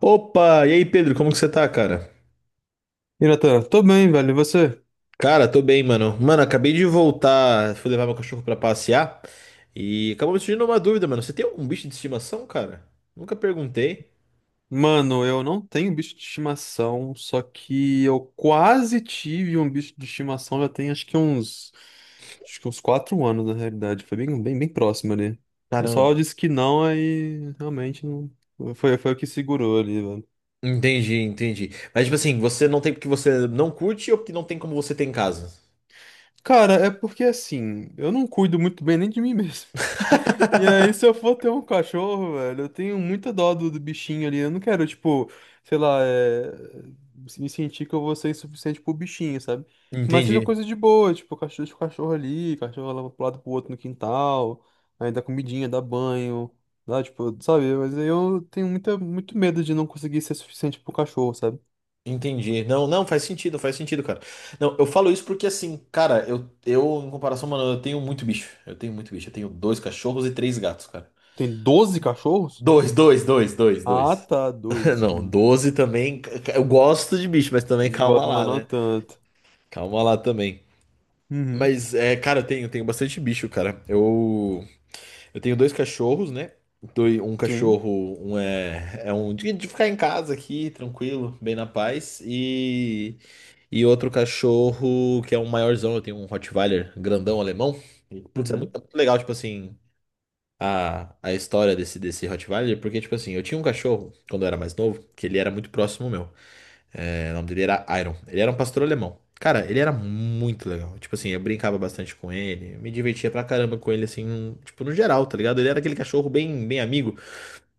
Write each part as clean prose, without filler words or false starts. Opa, e aí Pedro, como que você tá, cara? E Natan, tô bem, velho. E você? Cara, tô bem, mano. Mano, acabei de voltar, fui levar meu cachorro pra passear e acabou me surgindo uma dúvida, mano. Você tem algum bicho de estimação, cara? Nunca perguntei. Mano, eu não tenho bicho de estimação, só que eu quase tive um bicho de estimação já tem acho que uns 4 anos na realidade. Foi bem, bem, bem próximo ali. O pessoal Caramba. disse que não, aí realmente não. Foi o que segurou ali, velho. Entendi, entendi. Mas tipo assim, você não tem porque você não curte ou porque não tem como você tem em casa? Cara, é porque assim, eu não cuido muito bem nem de mim mesmo. E aí, se eu for ter um cachorro, velho, eu tenho muita dó do bichinho ali. Eu não quero, tipo, sei lá, me sentir que eu vou ser insuficiente pro bichinho, sabe? Mas seja Entendi. coisa de boa, tipo, cachorro, deixa o cachorro ali, cachorro leva pro lado pro outro no quintal, aí dá comidinha, dá banho, dá, tipo, sabe? Mas aí eu tenho muita, muito medo de não conseguir ser suficiente pro cachorro, sabe? Entendi. Não, não, faz sentido, cara. Não, eu falo isso porque assim, cara, eu em comparação, mano, eu tenho muito bicho. Eu tenho muito bicho. Eu tenho dois cachorros e três gatos, cara. Tem 12 cachorros? Dois, dois, dois, dois, Ah, dois. tá, dois. Não, 12 também. Eu gosto de bicho, mas também calma Gosto, mas lá, não né? tanto. Calma lá também. Uhum, Mas, é, cara, eu tenho bastante bicho, cara. Eu tenho dois cachorros, né? Um sim. cachorro, um é um de ficar em casa aqui, tranquilo, bem na paz. E outro cachorro que é um maiorzão, eu tenho um Rottweiler grandão alemão. E, putz, é muito, Uhum, é muito legal, tipo assim, a história desse Rottweiler, porque, tipo assim, eu tinha um cachorro quando eu era mais novo, que ele era muito próximo meu. É, o nome dele era Iron. Ele era um pastor alemão. Cara, ele era muito legal. Tipo assim, eu brincava bastante com ele, eu me divertia pra caramba com ele, assim, tipo, no geral, tá ligado? Ele era aquele cachorro bem, bem amigo.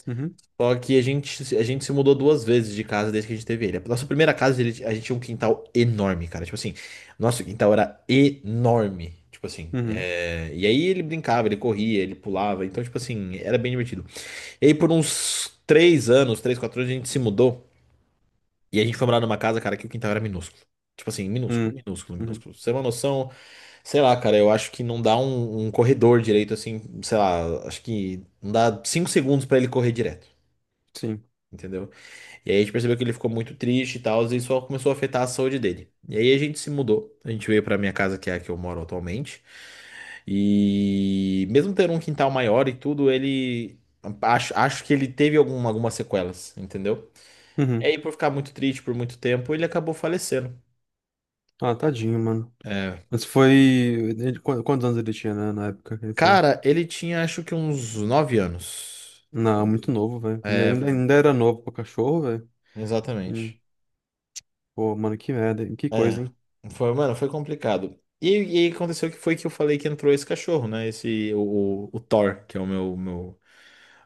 uhum, Só que a gente se mudou duas vezes de casa desde que a gente teve ele. A nossa primeira casa, a gente tinha um quintal enorme, cara. Tipo assim, nosso quintal era enorme. Tipo assim, uhum. é, e aí ele brincava, ele corria, ele pulava. Então, tipo assim, era bem divertido. E aí por uns 3 anos, três, 4 anos, a gente se mudou. E a gente foi morar numa casa, cara, que o quintal era minúsculo. Tipo assim, minúsculo, Hum, minúsculo, uhum, minúsculo. Pra você ter uma noção, sei lá, cara, eu acho que não dá um corredor direito, assim, sei lá, acho que não dá 5 segundos pra ele correr direto, sim. entendeu? E aí a gente percebeu que ele ficou muito triste e tal, e isso começou a afetar a saúde dele. E aí a gente se mudou. A gente veio pra minha casa, que é a que eu moro atualmente. E mesmo ter um quintal maior e tudo, ele acho que ele teve algum, algumas sequelas, entendeu? E Uhum. aí, por ficar muito triste por muito tempo, ele acabou falecendo. Ah, tadinho, mano. É. Mas foi. Quantos anos ele tinha, né, na época que ele foi? Cara, ele tinha acho que uns 9 anos. Não, muito novo, velho. Ainda, É, é, ainda ainda era novo pro cachorro, velho. Hum. exatamente. Pô, mano, que merda, hein? Que É, coisa, hein? foi, mano, foi complicado. E aí aconteceu que foi que eu falei que entrou esse cachorro, né? O Thor, que é o meu, meu,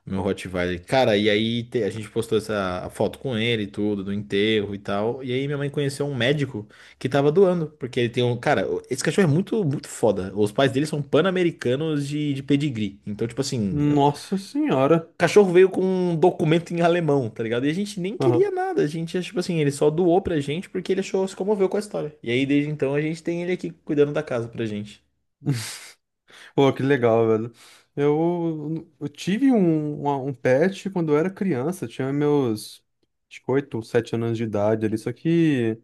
meu Rottweiler. Cara, e aí a gente postou essa a foto com ele e tudo, do enterro e tal. E aí minha mãe conheceu um médico que tava doando, porque ele tem um. Cara, esse cachorro é muito, muito foda. Os pais dele são pan-americanos de pedigree. Então, tipo assim, Nossa senhora. o cachorro veio com um documento em alemão, tá ligado? E a gente nem queria Aham. nada, a gente, tipo assim, ele só doou pra gente porque ele achou, se comoveu com a história. E aí, desde então, a gente tem ele aqui cuidando da casa pra gente. Pô, que legal, velho. Eu tive um pet quando eu era criança, tinha meus acho que 8, 7 anos de idade ali, só que.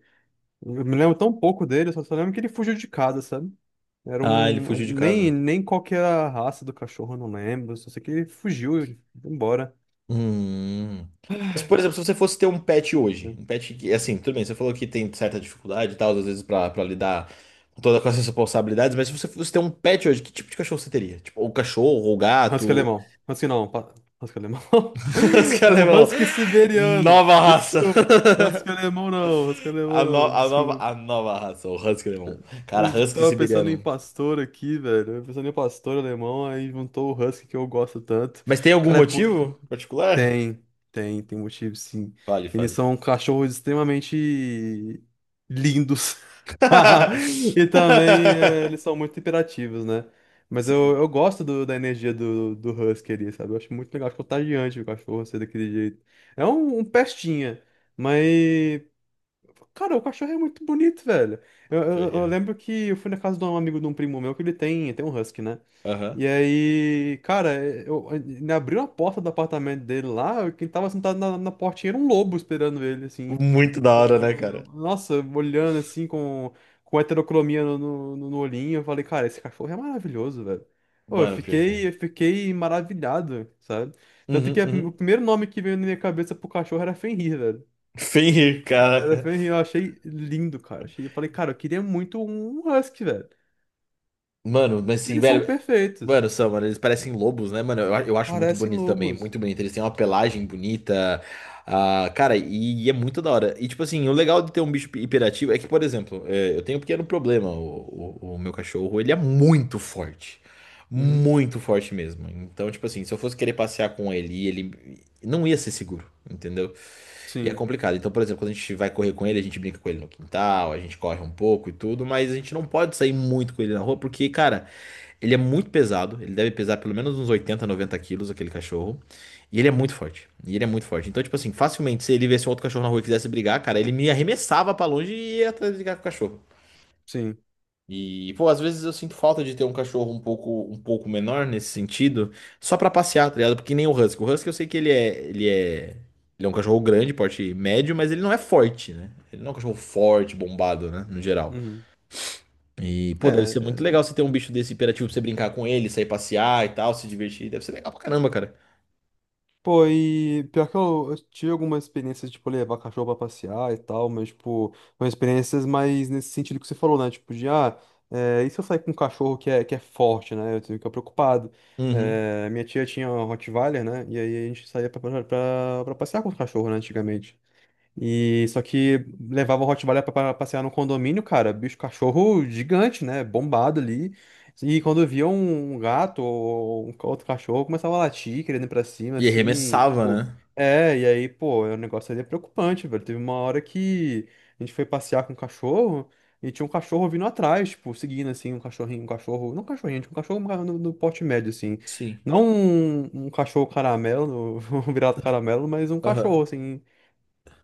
Eu me lembro tão pouco dele, só lembro que ele fugiu de casa, sabe? Era Ah, ele um. fugiu de Nem, casa. nem qual que era a raça do cachorro, eu não lembro. Só sei que ele fugiu e foi embora, Hum. Mas, por exemplo, se você fosse ter um pet hoje, né? um pet que, assim, tudo bem, você falou que tem certa dificuldade e tal, às vezes pra lidar com essas responsabilidades, mas se você fosse ter um pet hoje, que tipo de cachorro você teria? Tipo, ou cachorro, ou Husky gato, alemão. Husky não, husky alemão. os que é Um alemão, husky siberiano. nova raça. Desculpa. Husky A, alemão no- não, a nova, desculpa. a nova raça, o Husky Alemão. Eu Cara, Husky tava pensando em Siberiano. pastor aqui, velho. Eu pensando em pastor alemão, aí juntou o husky que eu gosto tanto. Mas tem algum Cara, é. motivo particular? Tem, tem motivo, sim. Fale, Eles fale. são cachorros extremamente lindos. E também eles são muito imperativos, né? Mas eu, Sim. eu gosto da energia do Husky ali, sabe? Eu acho muito legal, acho contagiante o cachorro ser daquele jeito. É um pestinha, mas. Cara, o cachorro é muito bonito, velho. Eu, Pior eu- que eu é. lembro que eu fui na casa de um amigo de um primo meu que ele tem um husky, né? Aham. E aí, cara, ele abriu a porta do apartamento dele lá, quem tava sentado na portinha era um lobo esperando ele, assim. Muito da hora, né, cara? Nossa, olhando assim com heterocromia no olhinho. Eu falei, cara, esse cachorro é maravilhoso, velho. Pô, eu Mano, pior que fiquei, é. eu fiquei maravilhado, sabe? Tanto Uhum, que o uhum. primeiro nome que veio na minha cabeça pro cachorro era Fenrir, velho. Fenrir, cara. Elefante em Rio, eu achei lindo, cara. Achei, eu falei, cara, eu queria muito um husky, velho. Mano, mas Porque assim, eles são velho. perfeitos. Mano, são, mano, eles parecem lobos, né, mano? Eu acho muito Parecem bonito também, lobos. muito bonito. Eles têm uma pelagem bonita. Ah, cara, e é muito da hora. E, tipo assim, o legal de ter um bicho hiperativo é que, por exemplo, é, eu tenho um pequeno problema. O meu cachorro, ele é muito forte. Uhum. Muito forte mesmo. Então, tipo assim, se eu fosse querer passear com ele, ele não ia ser seguro, entendeu? E é Sim, complicado. Então, por exemplo, quando a gente vai correr com ele, a gente brinca com ele no quintal, a gente corre um pouco e tudo, mas a gente não pode sair muito com ele na rua, porque, cara. Ele é muito pesado, ele deve pesar pelo menos uns 80, 90 quilos, aquele cachorro. E ele é muito forte. E ele é muito forte. Então, tipo assim, facilmente, se ele viesse um outro cachorro na rua e quisesse brigar, cara, ele me arremessava pra longe e ia atrás de brigar com o cachorro. sim. E, pô, às vezes eu sinto falta de ter um cachorro um pouco menor nesse sentido, só pra passear, tá ligado? Porque nem o Husky. O Husky eu sei que ele é um cachorro grande, porte médio, mas ele não é forte, né? Ele não é um cachorro forte, bombado, né? No geral. Uhum. E, pô, deve ser muito É. legal você ter um bicho desse hiperativo pra você brincar com ele, sair passear e tal, se divertir. Deve ser legal pra caramba, cara. Pô, e pior que eu tive algumas experiências, tipo, levar cachorro pra passear e tal, mas, tipo, foram experiências mais nesse sentido que você falou, né? Tipo, e se eu sair com um cachorro que é forte, né? Eu fico preocupado. Uhum. É, minha tia tinha um Rottweiler, né? E aí a gente saía pra passear com os cachorros, né, antigamente. E só que levava o Rottweiler pra passear no condomínio, cara, bicho cachorro gigante, né? Bombado ali. E quando via um gato ou um outro cachorro, começava a latir, querendo ir pra cima, E assim, e, arremessava, tipo. né? É, e aí, pô, o negócio ali é preocupante, velho. Teve uma hora que a gente foi passear com um cachorro e tinha um cachorro vindo atrás, tipo, seguindo, assim, um cachorrinho, um cachorro. Não um cachorrinho, tinha um cachorro no porte médio, assim. Sim. Não um cachorro caramelo, um virado caramelo, mas um cachorro, Aham. assim.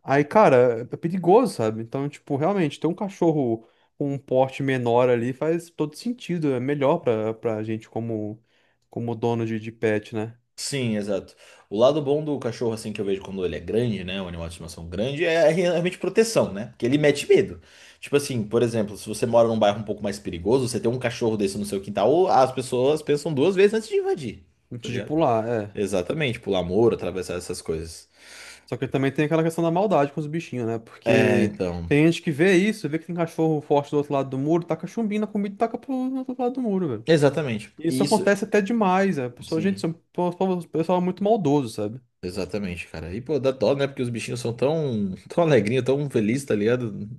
Aí, cara, é perigoso, sabe? Então, tipo, realmente, ter um cachorro com um porte menor ali faz todo sentido. É melhor pra gente como dono de pet, né? Sim, exato. O lado bom do cachorro, assim, que eu vejo quando ele é grande, né? Um animal de estimação grande, é realmente proteção, né? Porque ele mete medo. Tipo assim, por exemplo, se você mora num bairro um pouco mais perigoso, você tem um cachorro desse no seu quintal, as pessoas pensam duas vezes antes de invadir. Tá Antes de ligado? pular, é. Exatamente, pular muro, atravessar essas coisas. Só que também tem aquela questão da maldade com os bichinhos, né? É, Porque então. tem gente que vê isso, vê que tem cachorro forte do outro lado do muro, taca chumbinho na comida e taca pro outro lado do muro, velho. Exatamente. E isso Isso, acontece até demais, né? A pessoa, gente, isso sim. é o pessoal é muito maldoso, sabe? Exatamente, cara. E, pô, dá dó, né? Porque os bichinhos são tão, tão alegrinhos, tão felizes, tá ligado?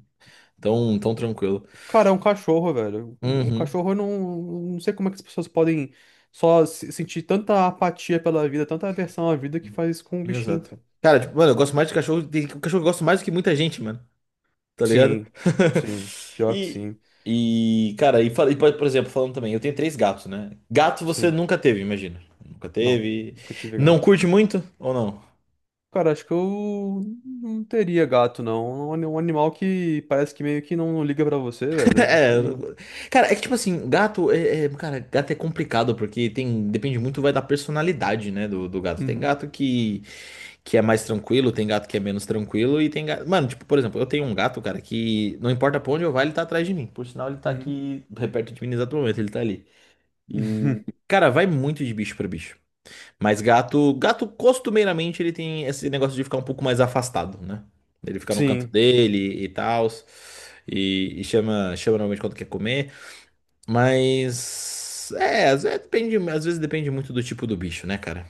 Tão, tão tranquilo. Cara, é um cachorro, velho. O Uhum, cachorro, eu não, não sei como é que as pessoas podem só sentir tanta apatia pela vida, tanta aversão à vida que faz isso com um bichinho, exato. cara. Cara, tipo, mano, eu gosto mais de cachorro. Tem um cachorro que eu gosto mais do que muita gente, mano. Tá ligado? Sim, sim. Pior que E, sim. e cara, e, e, por exemplo, falando também, eu tenho três gatos, né? Gato você Sim. nunca teve, imagina. Nunca Não, teve. nunca tive Não gato. curte muito ou não? Cara, acho que eu não teria gato, não. Um animal que parece que meio que não liga pra você, velho. É, Assim. cara, é que tipo assim, gato cara, gato é complicado porque tem, depende muito vai da personalidade, né, do gato. Tem Uhum, gato que é mais tranquilo, tem gato que é menos tranquilo e tem gato, mano, tipo, por exemplo, eu tenho um gato, cara, que não importa pra onde eu vá, ele tá atrás de mim. Por sinal, ele tá uhum. aqui perto de mim no exato momento, ele tá ali. E, cara, vai muito de bicho pra bicho. Mas gato costumeiramente ele tem esse negócio de ficar um pouco mais afastado, né? Ele fica no canto Sim, dele e tal. E chama normalmente quando quer comer. Mas. É, às vezes depende muito do tipo do bicho, né, cara?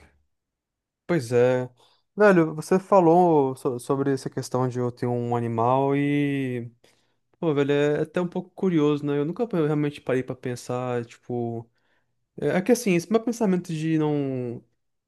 pois é. Velho, você falou sobre essa questão de eu ter um animal e. Pô, velho, é até um pouco curioso, né? Eu nunca realmente parei pra pensar, tipo. É que assim, esse meu pensamento de não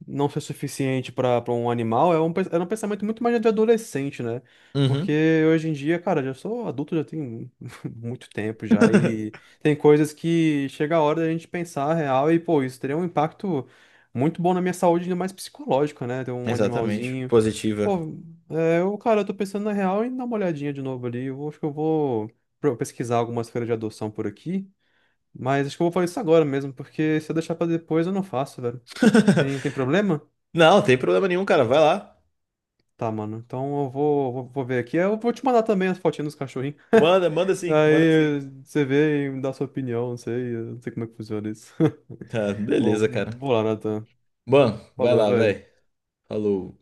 não ser suficiente para um animal é era um pensamento muito mais de adolescente, né? Uhum. Porque hoje em dia, cara, já sou adulto, já tenho muito tempo já, e tem coisas que chega a hora da gente pensar real e, pô, isso teria um impacto muito bom na minha saúde, ainda mais psicológica, né? Ter um Exatamente. animalzinho. Positiva. Pô, cara, eu tô pensando na real e dar uma olhadinha de novo ali. Acho que eu vou pesquisar algumas feiras de adoção por aqui. Mas acho que eu vou fazer isso agora mesmo, porque se eu deixar pra depois eu não faço, velho. Tem problema? Não, tem problema nenhum, cara. Vai lá. Tá, mano. Então eu vou ver aqui. Eu vou te mandar também as fotinhas dos cachorrinhos. Manda, manda sim, manda Aí sim. você vê e me dá sua opinião, eu não sei como é que funciona isso. Tá, Bom, beleza, cara. vou lá, Nathan. Bom, vai Falou, lá, velho. velho. Falou.